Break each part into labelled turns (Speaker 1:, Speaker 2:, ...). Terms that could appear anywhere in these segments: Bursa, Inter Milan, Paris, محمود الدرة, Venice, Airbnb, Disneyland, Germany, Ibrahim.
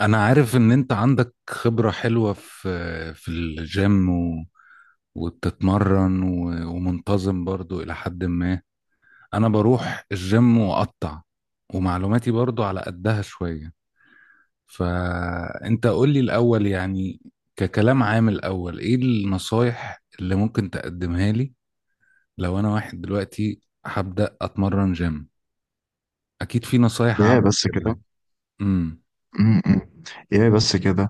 Speaker 1: انا عارف ان انت عندك خبرة حلوة في الجيم وبتتمرن ومنتظم برضو الى حد ما. انا بروح الجيم واقطع، ومعلوماتي برضو على قدها شوية. فانت قول لي الاول، يعني ككلام عام الاول، ايه النصايح اللي ممكن تقدمها لي لو انا واحد دلوقتي هبدأ اتمرن جيم؟ اكيد في نصايح
Speaker 2: يا
Speaker 1: عامة
Speaker 2: بس كده
Speaker 1: كده. امم.
Speaker 2: م-م. يا بس كده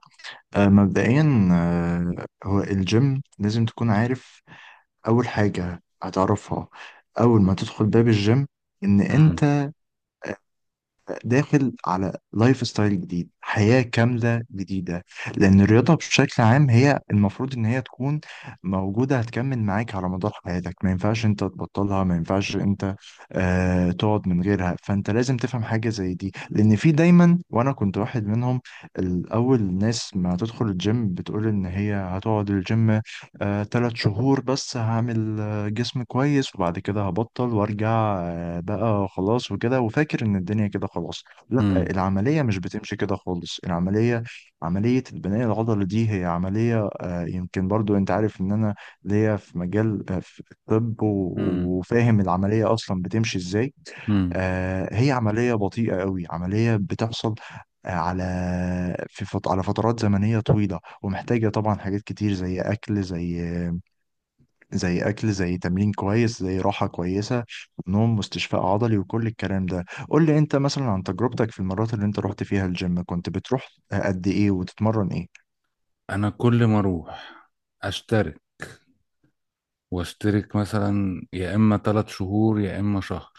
Speaker 2: مبدئيا، هو الجيم لازم تكون عارف أول حاجة هتعرفها. أول ما تدخل باب الجيم، إن
Speaker 1: امم.
Speaker 2: أنت داخل على لايف ستايل جديد، حياة كاملة جديدة. لأن الرياضة بشكل عام هي المفروض إن هي تكون موجودة، هتكمل معاك على مدار حياتك، ما ينفعش أنت تبطلها، ما ينفعش أنت تقعد من غيرها. فأنت لازم تفهم حاجة زي دي، لأن في دايما، وأنا كنت واحد منهم الأول، الناس ما تدخل الجيم بتقول إن هي هتقعد الجيم 3 شهور بس، هعمل جسم كويس وبعد كده هبطل وارجع، بقى خلاص وكده، وفاكر ان الدنيا كده خلاص. لا،
Speaker 1: امم.
Speaker 2: العملية مش بتمشي كده خالص. العملية، عملية البناء العضلي دي هي عملية، يمكن برضو انت عارف ان انا ليا في مجال، في الطب، وفاهم العملية اصلا بتمشي ازاي.
Speaker 1: امم.
Speaker 2: هي عملية بطيئة قوي، عملية بتحصل، آه، على على فترات زمنية طويلة، ومحتاجة طبعا حاجات كتير، زي أكل، زي اكل، زي تمرين كويس، زي راحه كويسه، نوم واستشفاء عضلي وكل الكلام ده. قول لي انت مثلا عن تجربتك في المرات اللي انت رحت فيها الجيم، كنت بتروح قد ايه وتتمرن ايه؟
Speaker 1: انا كل ما اروح اشترك، واشترك مثلا يا اما ثلاث شهور يا اما شهر،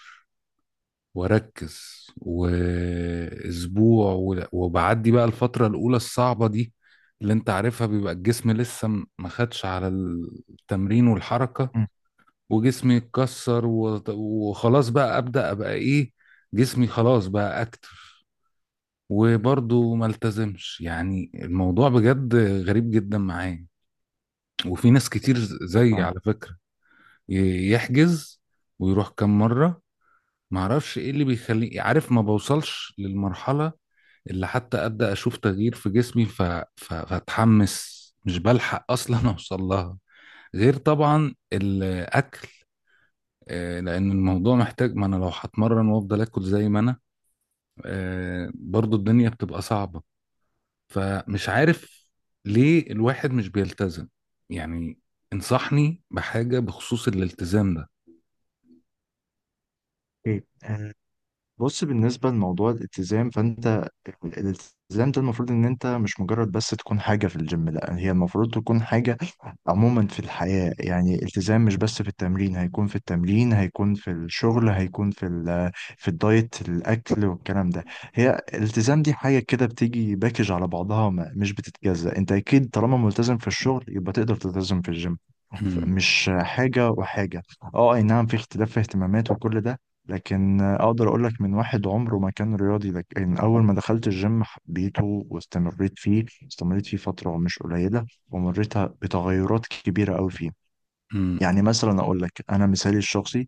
Speaker 1: واركز واسبوع وبعدي بقى الفترة الاولى الصعبة دي اللي انت عارفها، بيبقى الجسم لسه ما خدش على التمرين والحركة،
Speaker 2: مم.
Speaker 1: وجسمي يتكسر وخلاص بقى ابدا ابقى ايه، جسمي خلاص بقى اكتف، وبرضه ما التزمش. يعني الموضوع بجد غريب جدا معايا، وفي ناس كتير
Speaker 2: بص يا
Speaker 1: زي،
Speaker 2: عم.
Speaker 1: على فكرة، يحجز ويروح كام مرة. معرفش ايه اللي بيخليني، عارف، ما بوصلش للمرحلة اللي حتى أبدأ أشوف تغيير في جسمي، فأتحمس، مش بلحق أصلا أوصل لها. غير طبعا الأكل، لأن الموضوع محتاج، ما أنا لو هتمرن وأفضل آكل زي ما أنا برضو الدنيا بتبقى صعبة. فمش عارف ليه الواحد مش بيلتزم يعني. انصحني بحاجة بخصوص الالتزام ده.
Speaker 2: اوكي. بص، بالنسبة لموضوع الالتزام، فأنت الالتزام ده المفروض إن أنت مش مجرد بس تكون حاجة في الجيم، لأ هي المفروض تكون حاجة عموما في الحياة. يعني التزام مش بس في التمرين، هيكون في التمرين، هيكون في الشغل، هيكون في الدايت، الأكل والكلام ده. هي الالتزام دي حاجة كده بتيجي باكج على بعضها، مش بتتجزأ. أنت أكيد طالما ملتزم في الشغل يبقى تقدر تلتزم في الجيم. مش حاجة وحاجة. اه اي نعم، في اختلاف في اهتمامات وكل ده، لكن اقدر اقول لك من واحد عمره ما كان رياضي، لكن اول ما دخلت الجيم حبيته واستمريت فيه. استمريت فيه فترة مش قليلة، ومريت بتغيرات كبيرة قوي فيه. يعني مثلا اقول لك انا مثالي الشخصي،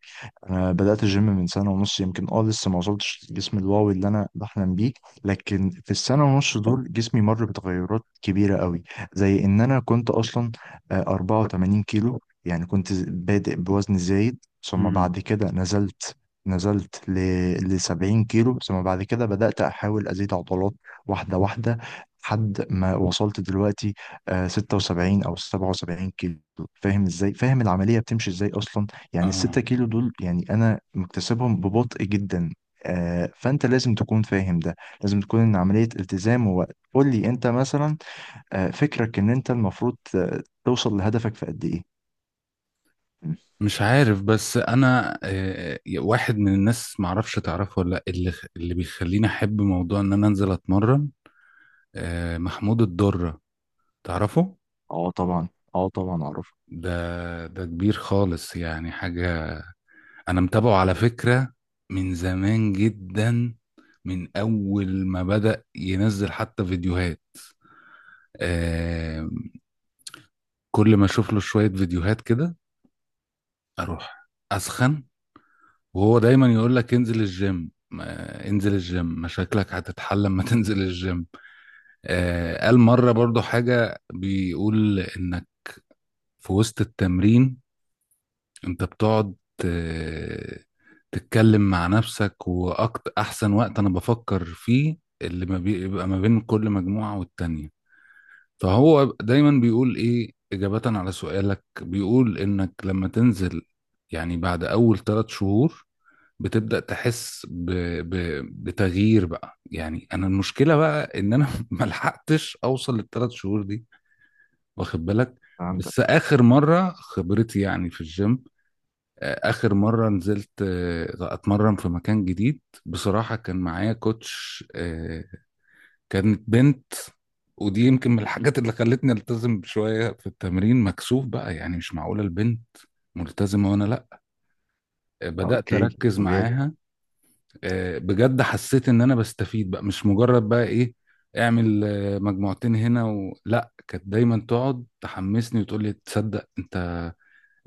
Speaker 2: انا بدات الجيم من سنه ونص يمكن، اه لسه ما وصلتش للجسم الواو اللي انا بحلم بيه، لكن في السنه ونص دول جسمي مر بتغيرات كبيره قوي. زي ان انا كنت اصلا 84 كيلو، يعني كنت بادئ بوزن زايد، ثم بعد كده نزلت ل 70 كيلو، ثم بعد كده بدأت أحاول أزيد عضلات واحدة واحدة لحد ما وصلت دلوقتي 76 او 77 كيلو. فاهم ازاي فاهم العمليه بتمشي ازاي اصلا؟ يعني ال 6
Speaker 1: اه،
Speaker 2: كيلو دول يعني انا مكتسبهم ببطء جدا. فانت لازم تكون فاهم ده، لازم تكون ان عمليه التزام ووقت. قول لي انت مثلا فكرك ان انت المفروض توصل لهدفك في قد ايه؟ مم.
Speaker 1: مش عارف. بس انا واحد من الناس، معرفش تعرفه ولا لا، اللي بيخليني احب موضوع ان انا انزل اتمرن محمود الدرة، تعرفه؟
Speaker 2: اه طبعا. اه طبعا اعرف.
Speaker 1: ده كبير خالص، يعني حاجة. انا متابعه على فكرة من زمان جدا، من اول ما بدأ ينزل حتى فيديوهات. آه، كل ما اشوف له شوية فيديوهات كده اروح اسخن. وهو دايما يقول لك انزل الجيم، انزل الجيم مشاكلك هتتحل لما تنزل الجيم. قال مرة برضو حاجة، بيقول انك في وسط التمرين انت بتقعد آه، تتكلم مع نفسك، واكتر احسن وقت انا بفكر فيه اللي ما بيبقى ما بين كل مجموعة والتانية. فهو دايما بيقول ايه اجابة على سؤالك، بيقول انك لما تنزل، يعني بعد اول ثلاث شهور، بتبدأ تحس ب... بتغيير بقى. يعني انا المشكلة بقى ان انا ملحقتش اوصل للثلاث شهور دي، واخد بالك.
Speaker 2: عندك.
Speaker 1: بس اخر مرة خبرتي يعني في الجيم، اخر مرة نزلت اتمرن في مكان جديد، بصراحة كان معايا كوتش كانت بنت. ودي يمكن من الحاجات اللي خلتني التزم شوية في التمرين، مكسوف بقى، يعني مش معقولة البنت ملتزمة وانا لا. بدأت
Speaker 2: اوكي،
Speaker 1: اركز
Speaker 2: طبيعي.
Speaker 1: معاها بجد، حسيت ان انا بستفيد بقى، مش مجرد بقى ايه، اعمل مجموعتين هنا لا، كانت دايما تقعد تحمسني وتقول لي: تصدق انت،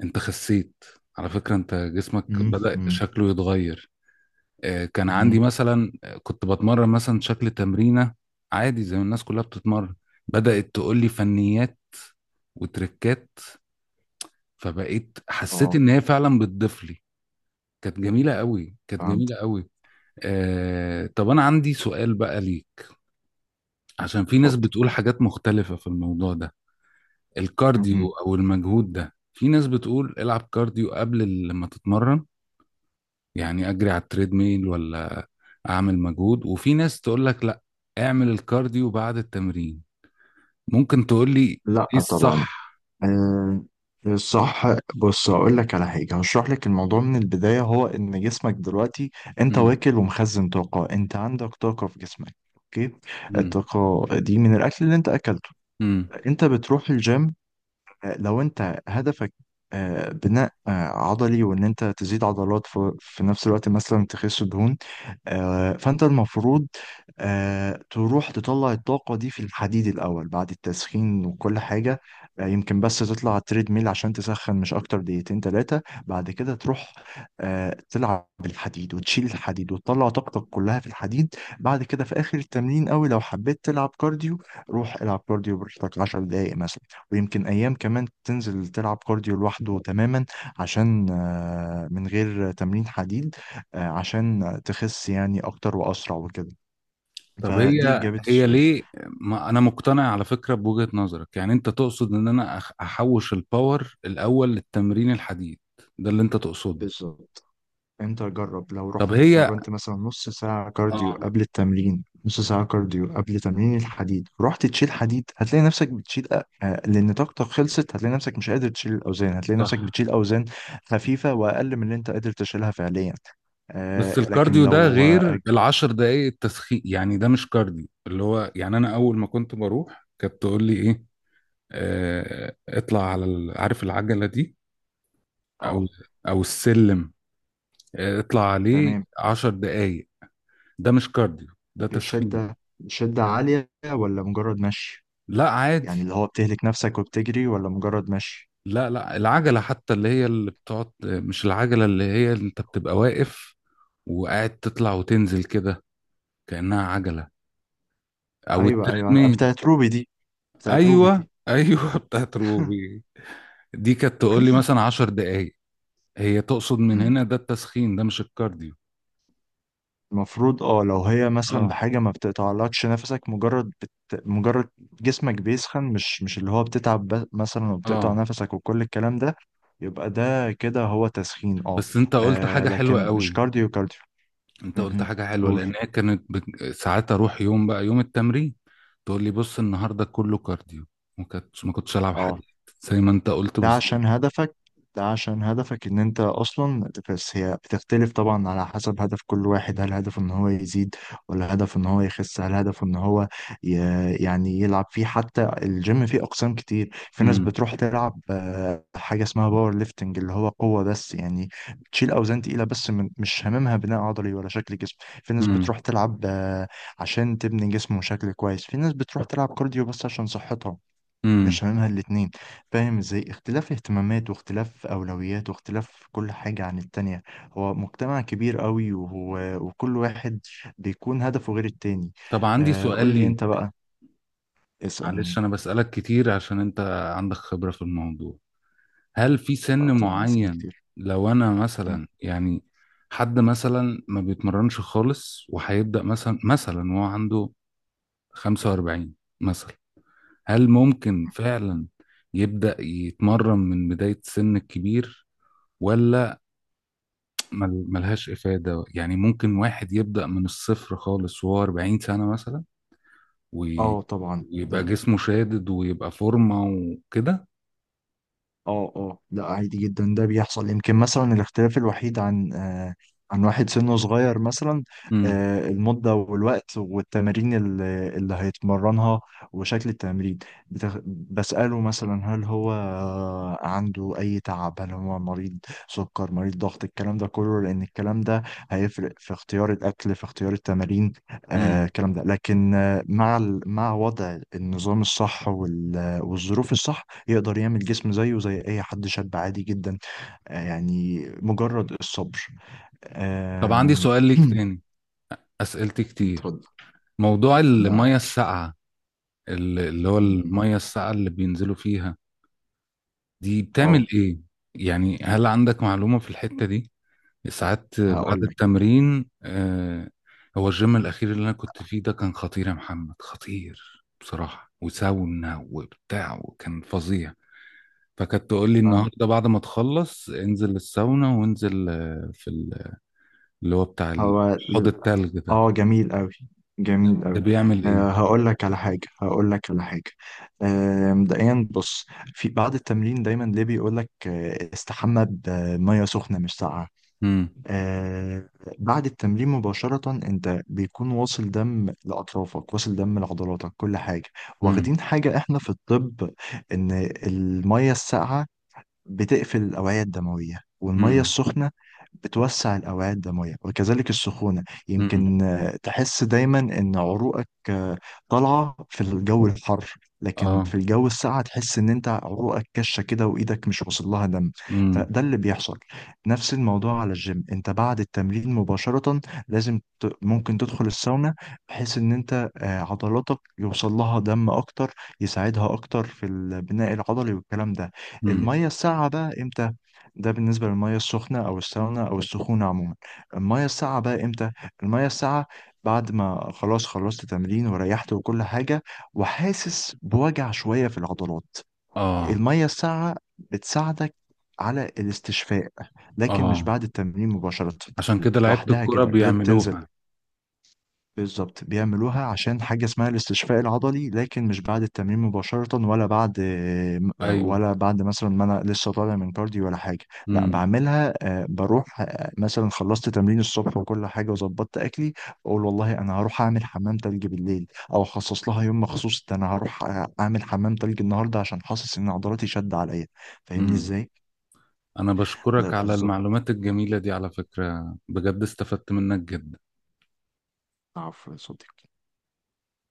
Speaker 1: انت خسيت على فكرة، انت جسمك
Speaker 2: مم،
Speaker 1: بدأ
Speaker 2: مم،
Speaker 1: شكله يتغير. كان عندي
Speaker 2: مم.
Speaker 1: مثلا كنت بتمرن مثلا شكل تمرينة عادي زي ما الناس كلها بتتمرن، بدأت تقول لي فنيات وتركات، فبقيت حسيت
Speaker 2: اه،
Speaker 1: ان هي فعلا بتضيف لي. كانت جميلة قوي، كانت
Speaker 2: فهمت.
Speaker 1: جميلة قوي. طب انا عندي سؤال بقى ليك، عشان في ناس
Speaker 2: اتفضل.
Speaker 1: بتقول حاجات مختلفة في الموضوع ده. الكارديو
Speaker 2: مهم.
Speaker 1: أو المجهود ده، في ناس بتقول العب كارديو قبل لما تتمرن، يعني أجري على التريد ميل، ولا أعمل مجهود؟ وفي ناس تقول لك لا، اعمل الكارديو بعد التمرين. ممكن تقول لي إيه
Speaker 2: لا طبعا.
Speaker 1: الصح؟
Speaker 2: آه، صح. بص هقول لك على حاجه، هشرح لك الموضوع من البدايه. هو ان جسمك دلوقتي، انت
Speaker 1: مم.
Speaker 2: واكل ومخزن طاقه، انت عندك طاقه في جسمك، اوكي؟
Speaker 1: مم.
Speaker 2: الطاقه دي من الاكل اللي انت اكلته.
Speaker 1: مم.
Speaker 2: انت بتروح الجيم، لو انت هدفك آه، بناء آه، عضلي، وان انت تزيد عضلات في نفس الوقت مثلا تخس دهون، فانت المفروض تروح تطلع الطاقة دي في الحديد الأول بعد التسخين وكل حاجة. يمكن بس تطلع على التريد ميل عشان تسخن، مش أكتر دقيقتين تلاتة. بعد كده تروح تلعب بالحديد وتشيل الحديد وتطلع طاقتك كلها في الحديد. بعد كده في آخر التمرين أوي، لو حبيت تلعب كارديو روح العب كارديو براحتك 10 دقايق مثلا. ويمكن أيام كمان تنزل تلعب كارديو لوحده تماما، عشان من غير تمرين حديد، عشان تخس يعني أكتر وأسرع وكده.
Speaker 1: طب
Speaker 2: فدي
Speaker 1: هي
Speaker 2: إجابة
Speaker 1: هي
Speaker 2: السؤال.
Speaker 1: ليه؟ ما أنا مقتنع على فكرة بوجهة نظرك، يعني أنت تقصد إن أنا أحوش الباور الأول للتمرين الحديد، ده اللي أنت تقصده.
Speaker 2: بالظبط. أنت جرب لو
Speaker 1: طب
Speaker 2: رحت
Speaker 1: هي،
Speaker 2: اتمرنت مثلا نص ساعة كارديو
Speaker 1: اه،
Speaker 2: قبل التمرين، نص ساعة كارديو قبل تمرين الحديد، رحت تشيل حديد، هتلاقي نفسك بتشيل لأن طاقتك خلصت، هتلاقي نفسك مش قادر تشيل الأوزان، هتلاقي نفسك
Speaker 1: صح.
Speaker 2: بتشيل أوزان خفيفة وأقل من اللي أنت قادر تشيلها فعليا.
Speaker 1: بس
Speaker 2: لكن
Speaker 1: الكارديو ده
Speaker 2: لو
Speaker 1: غير العشر دقايق التسخين، يعني ده مش كارديو اللي هو، يعني انا اول ما كنت بروح كانت تقول لي ايه، آه اطلع على عارف العجله دي، او
Speaker 2: آه،
Speaker 1: او السلم، آه اطلع عليه
Speaker 2: تمام.
Speaker 1: عشر دقايق. ده مش كارديو، ده تسخين.
Speaker 2: بشدة؟ شدة عالية ولا مجرد مشي؟
Speaker 1: لا،
Speaker 2: يعني
Speaker 1: عادي.
Speaker 2: اللي هو بتهلك نفسك وبتجري ولا مجرد مشي؟
Speaker 1: لا، لا، العجله حتى اللي هي اللي بتقعد، مش العجله اللي هي اللي انت بتبقى واقف وقاعد تطلع وتنزل كده كانها عجله، او
Speaker 2: ايوه ايوه،
Speaker 1: التريدميل.
Speaker 2: بتاعت روبي دي. بتاعت روبي
Speaker 1: ايوه،
Speaker 2: دي.
Speaker 1: ايوه، بتاعت روبي دي. كانت تقول لي مثلا عشر دقايق، هي تقصد من
Speaker 2: مم.
Speaker 1: هنا، ده التسخين، ده مش الكارديو.
Speaker 2: المفروض اه لو هي مثلا
Speaker 1: اه.
Speaker 2: بحاجة ما بتقطعلكش نفسك، مجرد مجرد جسمك بيسخن، مش اللي هو بتتعب مثلا وبتقطع
Speaker 1: اه،
Speaker 2: نفسك وكل الكلام ده، يبقى ده كده هو تسخين. اه.
Speaker 1: بس انت قلت حاجة حلوة
Speaker 2: لكن مش
Speaker 1: قوي.
Speaker 2: كارديو كارديو.
Speaker 1: انت قلت
Speaker 2: مهم.
Speaker 1: حاجة حلوة
Speaker 2: قول.
Speaker 1: لان هي كانت ساعات اروح يوم بقى يوم التمرين تقول لي بص النهاردة كله كارديو، ما كنتش العب
Speaker 2: اه،
Speaker 1: حديد، زي ما انت قلت
Speaker 2: ده
Speaker 1: بالظبط.
Speaker 2: عشان هدفك ده عشان هدفك ان انت اصلا. بس هي بتختلف طبعا على حسب هدف كل واحد، هل هدفه ان هو يزيد ولا هدفه ان هو يخس؟ هل هدفه ان هو ي... يعني يلعب فيه؟ حتى الجيم فيه اقسام كتير. في ناس
Speaker 1: امم.
Speaker 2: بتروح تلعب حاجة اسمها باور ليفتنج، اللي هو قوة بس، يعني بتشيل اوزان تقيلة بس، مش هاممها بناء عضلي ولا شكل جسم. في ناس
Speaker 1: امم.
Speaker 2: بتروح تلعب عشان تبني جسم وشكل كويس، في ناس بتروح تلعب كارديو بس عشان صحتها،
Speaker 1: امم.
Speaker 2: مش هاممها الاتنين. فاهم ازاي اختلاف اهتمامات واختلاف اولويات واختلاف كل حاجة عن التانية؟ هو مجتمع كبير قوي، وهو وكل واحد بيكون هدفه غير التاني.
Speaker 1: طب عندي سؤال
Speaker 2: قول لي
Speaker 1: لي.
Speaker 2: انت بقى،
Speaker 1: معلش
Speaker 2: اسألني.
Speaker 1: انا بسألك كتير عشان انت عندك خبرة في الموضوع. هل في
Speaker 2: آه
Speaker 1: سن
Speaker 2: طبعا، اسألني
Speaker 1: معين،
Speaker 2: كتير.
Speaker 1: لو انا
Speaker 2: مم.
Speaker 1: مثلا يعني حد مثلا ما بيتمرنش خالص وهيبدأ مثلا وهو عنده 45 مثلا، هل ممكن فعلا يبدأ يتمرن من بداية السن الكبير، ولا ملهاش إفادة؟ يعني ممكن واحد يبدأ من الصفر خالص وهو 40 سنة مثلا، وي-
Speaker 2: اه طبعا.
Speaker 1: ويبقى
Speaker 2: ده.
Speaker 1: جسمه شادد ويبقى فورمة وكده؟
Speaker 2: اه اه، لا عادي جدا، ده بيحصل. يمكن مثلا الاختلاف الوحيد عن عن واحد سنه صغير مثلا،
Speaker 1: امم.
Speaker 2: المدة والوقت والتمارين اللي هيتمرنها وشكل التمرين. بسأله مثلا هل هو عنده أي تعب، هل هو مريض سكر، مريض ضغط، الكلام ده كله، لأن الكلام ده هيفرق في اختيار الأكل، في اختيار التمارين،
Speaker 1: امم.
Speaker 2: الكلام ده، لكن مع مع وضع النظام الصح، والظروف الصح، يقدر يعمل جسم زيه زي اي حد شاب عادي جدا. يعني مجرد الصبر.
Speaker 1: طب عندي
Speaker 2: آم،
Speaker 1: سؤال ليك تاني، أسئلتي كتير.
Speaker 2: اتفضل.
Speaker 1: موضوع
Speaker 2: ده
Speaker 1: المية
Speaker 2: عايش.
Speaker 1: الساقعة، اللي هو
Speaker 2: م- م.
Speaker 1: المية الساقعة اللي بينزلوا فيها، دي
Speaker 2: اه
Speaker 1: بتعمل ايه؟ يعني هل عندك معلومة في الحتة دي؟ ساعات بعد
Speaker 2: هقول لك.
Speaker 1: التمرين، آه. هو الجيم الأخير اللي أنا كنت فيه ده كان خطير يا محمد، خطير بصراحة، وساونا وبتاع، وكان فظيع. فكانت تقول لي:
Speaker 2: فاهمك.
Speaker 1: النهاردة بعد ما تخلص انزل الساونا وانزل في اللي هو بتاع
Speaker 2: هو
Speaker 1: حوض
Speaker 2: لل-
Speaker 1: التلج ده.
Speaker 2: اه، جميل قوي، جميل
Speaker 1: ده
Speaker 2: قوي.
Speaker 1: بيعمل ايه؟
Speaker 2: هقول لك على حاجه، مبدئيا، بص. في بعد التمرين دايما ليه بيقول لك استحمى بميه سخنه مش ساقعه.
Speaker 1: امم.
Speaker 2: آه بعد التمرين مباشرة انت بيكون واصل دم لأطرافك، واصل دم لعضلاتك، كل حاجة.
Speaker 1: امم.
Speaker 2: واخدين حاجة احنا في الطب، ان المية الساقعة بتقفل الأوعية الدموية، والمية
Speaker 1: امم.
Speaker 2: السخنة بتوسع الأوعية الدموية. وكذلك السخونة،
Speaker 1: امم.
Speaker 2: يمكن تحس دايما إن عروقك طالعة في الجو الحر، لكن في
Speaker 1: اه.
Speaker 2: الجو الساقع تحس إن أنت عروقك كشة كده وإيدك مش واصل لها دم.
Speaker 1: امم.
Speaker 2: فده اللي بيحصل. نفس الموضوع على الجيم، أنت بعد التمرين مباشرة لازم ممكن تدخل الساونا، بحيث إن أنت عضلاتك يوصل لها دم أكتر، يساعدها أكتر في البناء العضلي والكلام ده.
Speaker 1: امم.
Speaker 2: المية الساقعة بقى إمتى؟ ده بالنسبة للمية السخنة أو الساونا أو السخونة عموما. المية الساقعة بقى إمتى؟ المية الساقعة، بعد ما خلاص خلصت تمرين وريحت وكل حاجة وحاسس بوجع شوية في العضلات،
Speaker 1: اه.
Speaker 2: المية الساقعة بتساعدك على الاستشفاء، لكن مش
Speaker 1: اه،
Speaker 2: بعد التمرين مباشرة.
Speaker 1: عشان كده لعيبة
Speaker 2: لوحدها
Speaker 1: الكرة
Speaker 2: كده بتنزل.
Speaker 1: بيعملوها.
Speaker 2: بالظبط، بيعملوها عشان حاجة اسمها الاستشفاء العضلي، لكن مش بعد التمرين مباشرة،
Speaker 1: ايوه.
Speaker 2: ولا بعد مثلا ما أنا لسه طالع من كارديو ولا حاجة. لا،
Speaker 1: امم.
Speaker 2: بعملها، بروح مثلا خلصت تمرين الصبح وكل حاجة وظبطت أكلي، بقول والله أنا هروح أعمل حمام تلج بالليل. أو أخصص لها يوم مخصوص، ده أنا هروح أعمل حمام تلج النهاردة عشان حاسس إن عضلاتي شد عليا. فاهمني
Speaker 1: امم.
Speaker 2: إزاي؟
Speaker 1: انا
Speaker 2: ده
Speaker 1: بشكرك على
Speaker 2: بالظبط.
Speaker 1: المعلومات الجميلة دي على فكرة، بجد استفدت منك جدا.
Speaker 2: عفوا يا صديقي.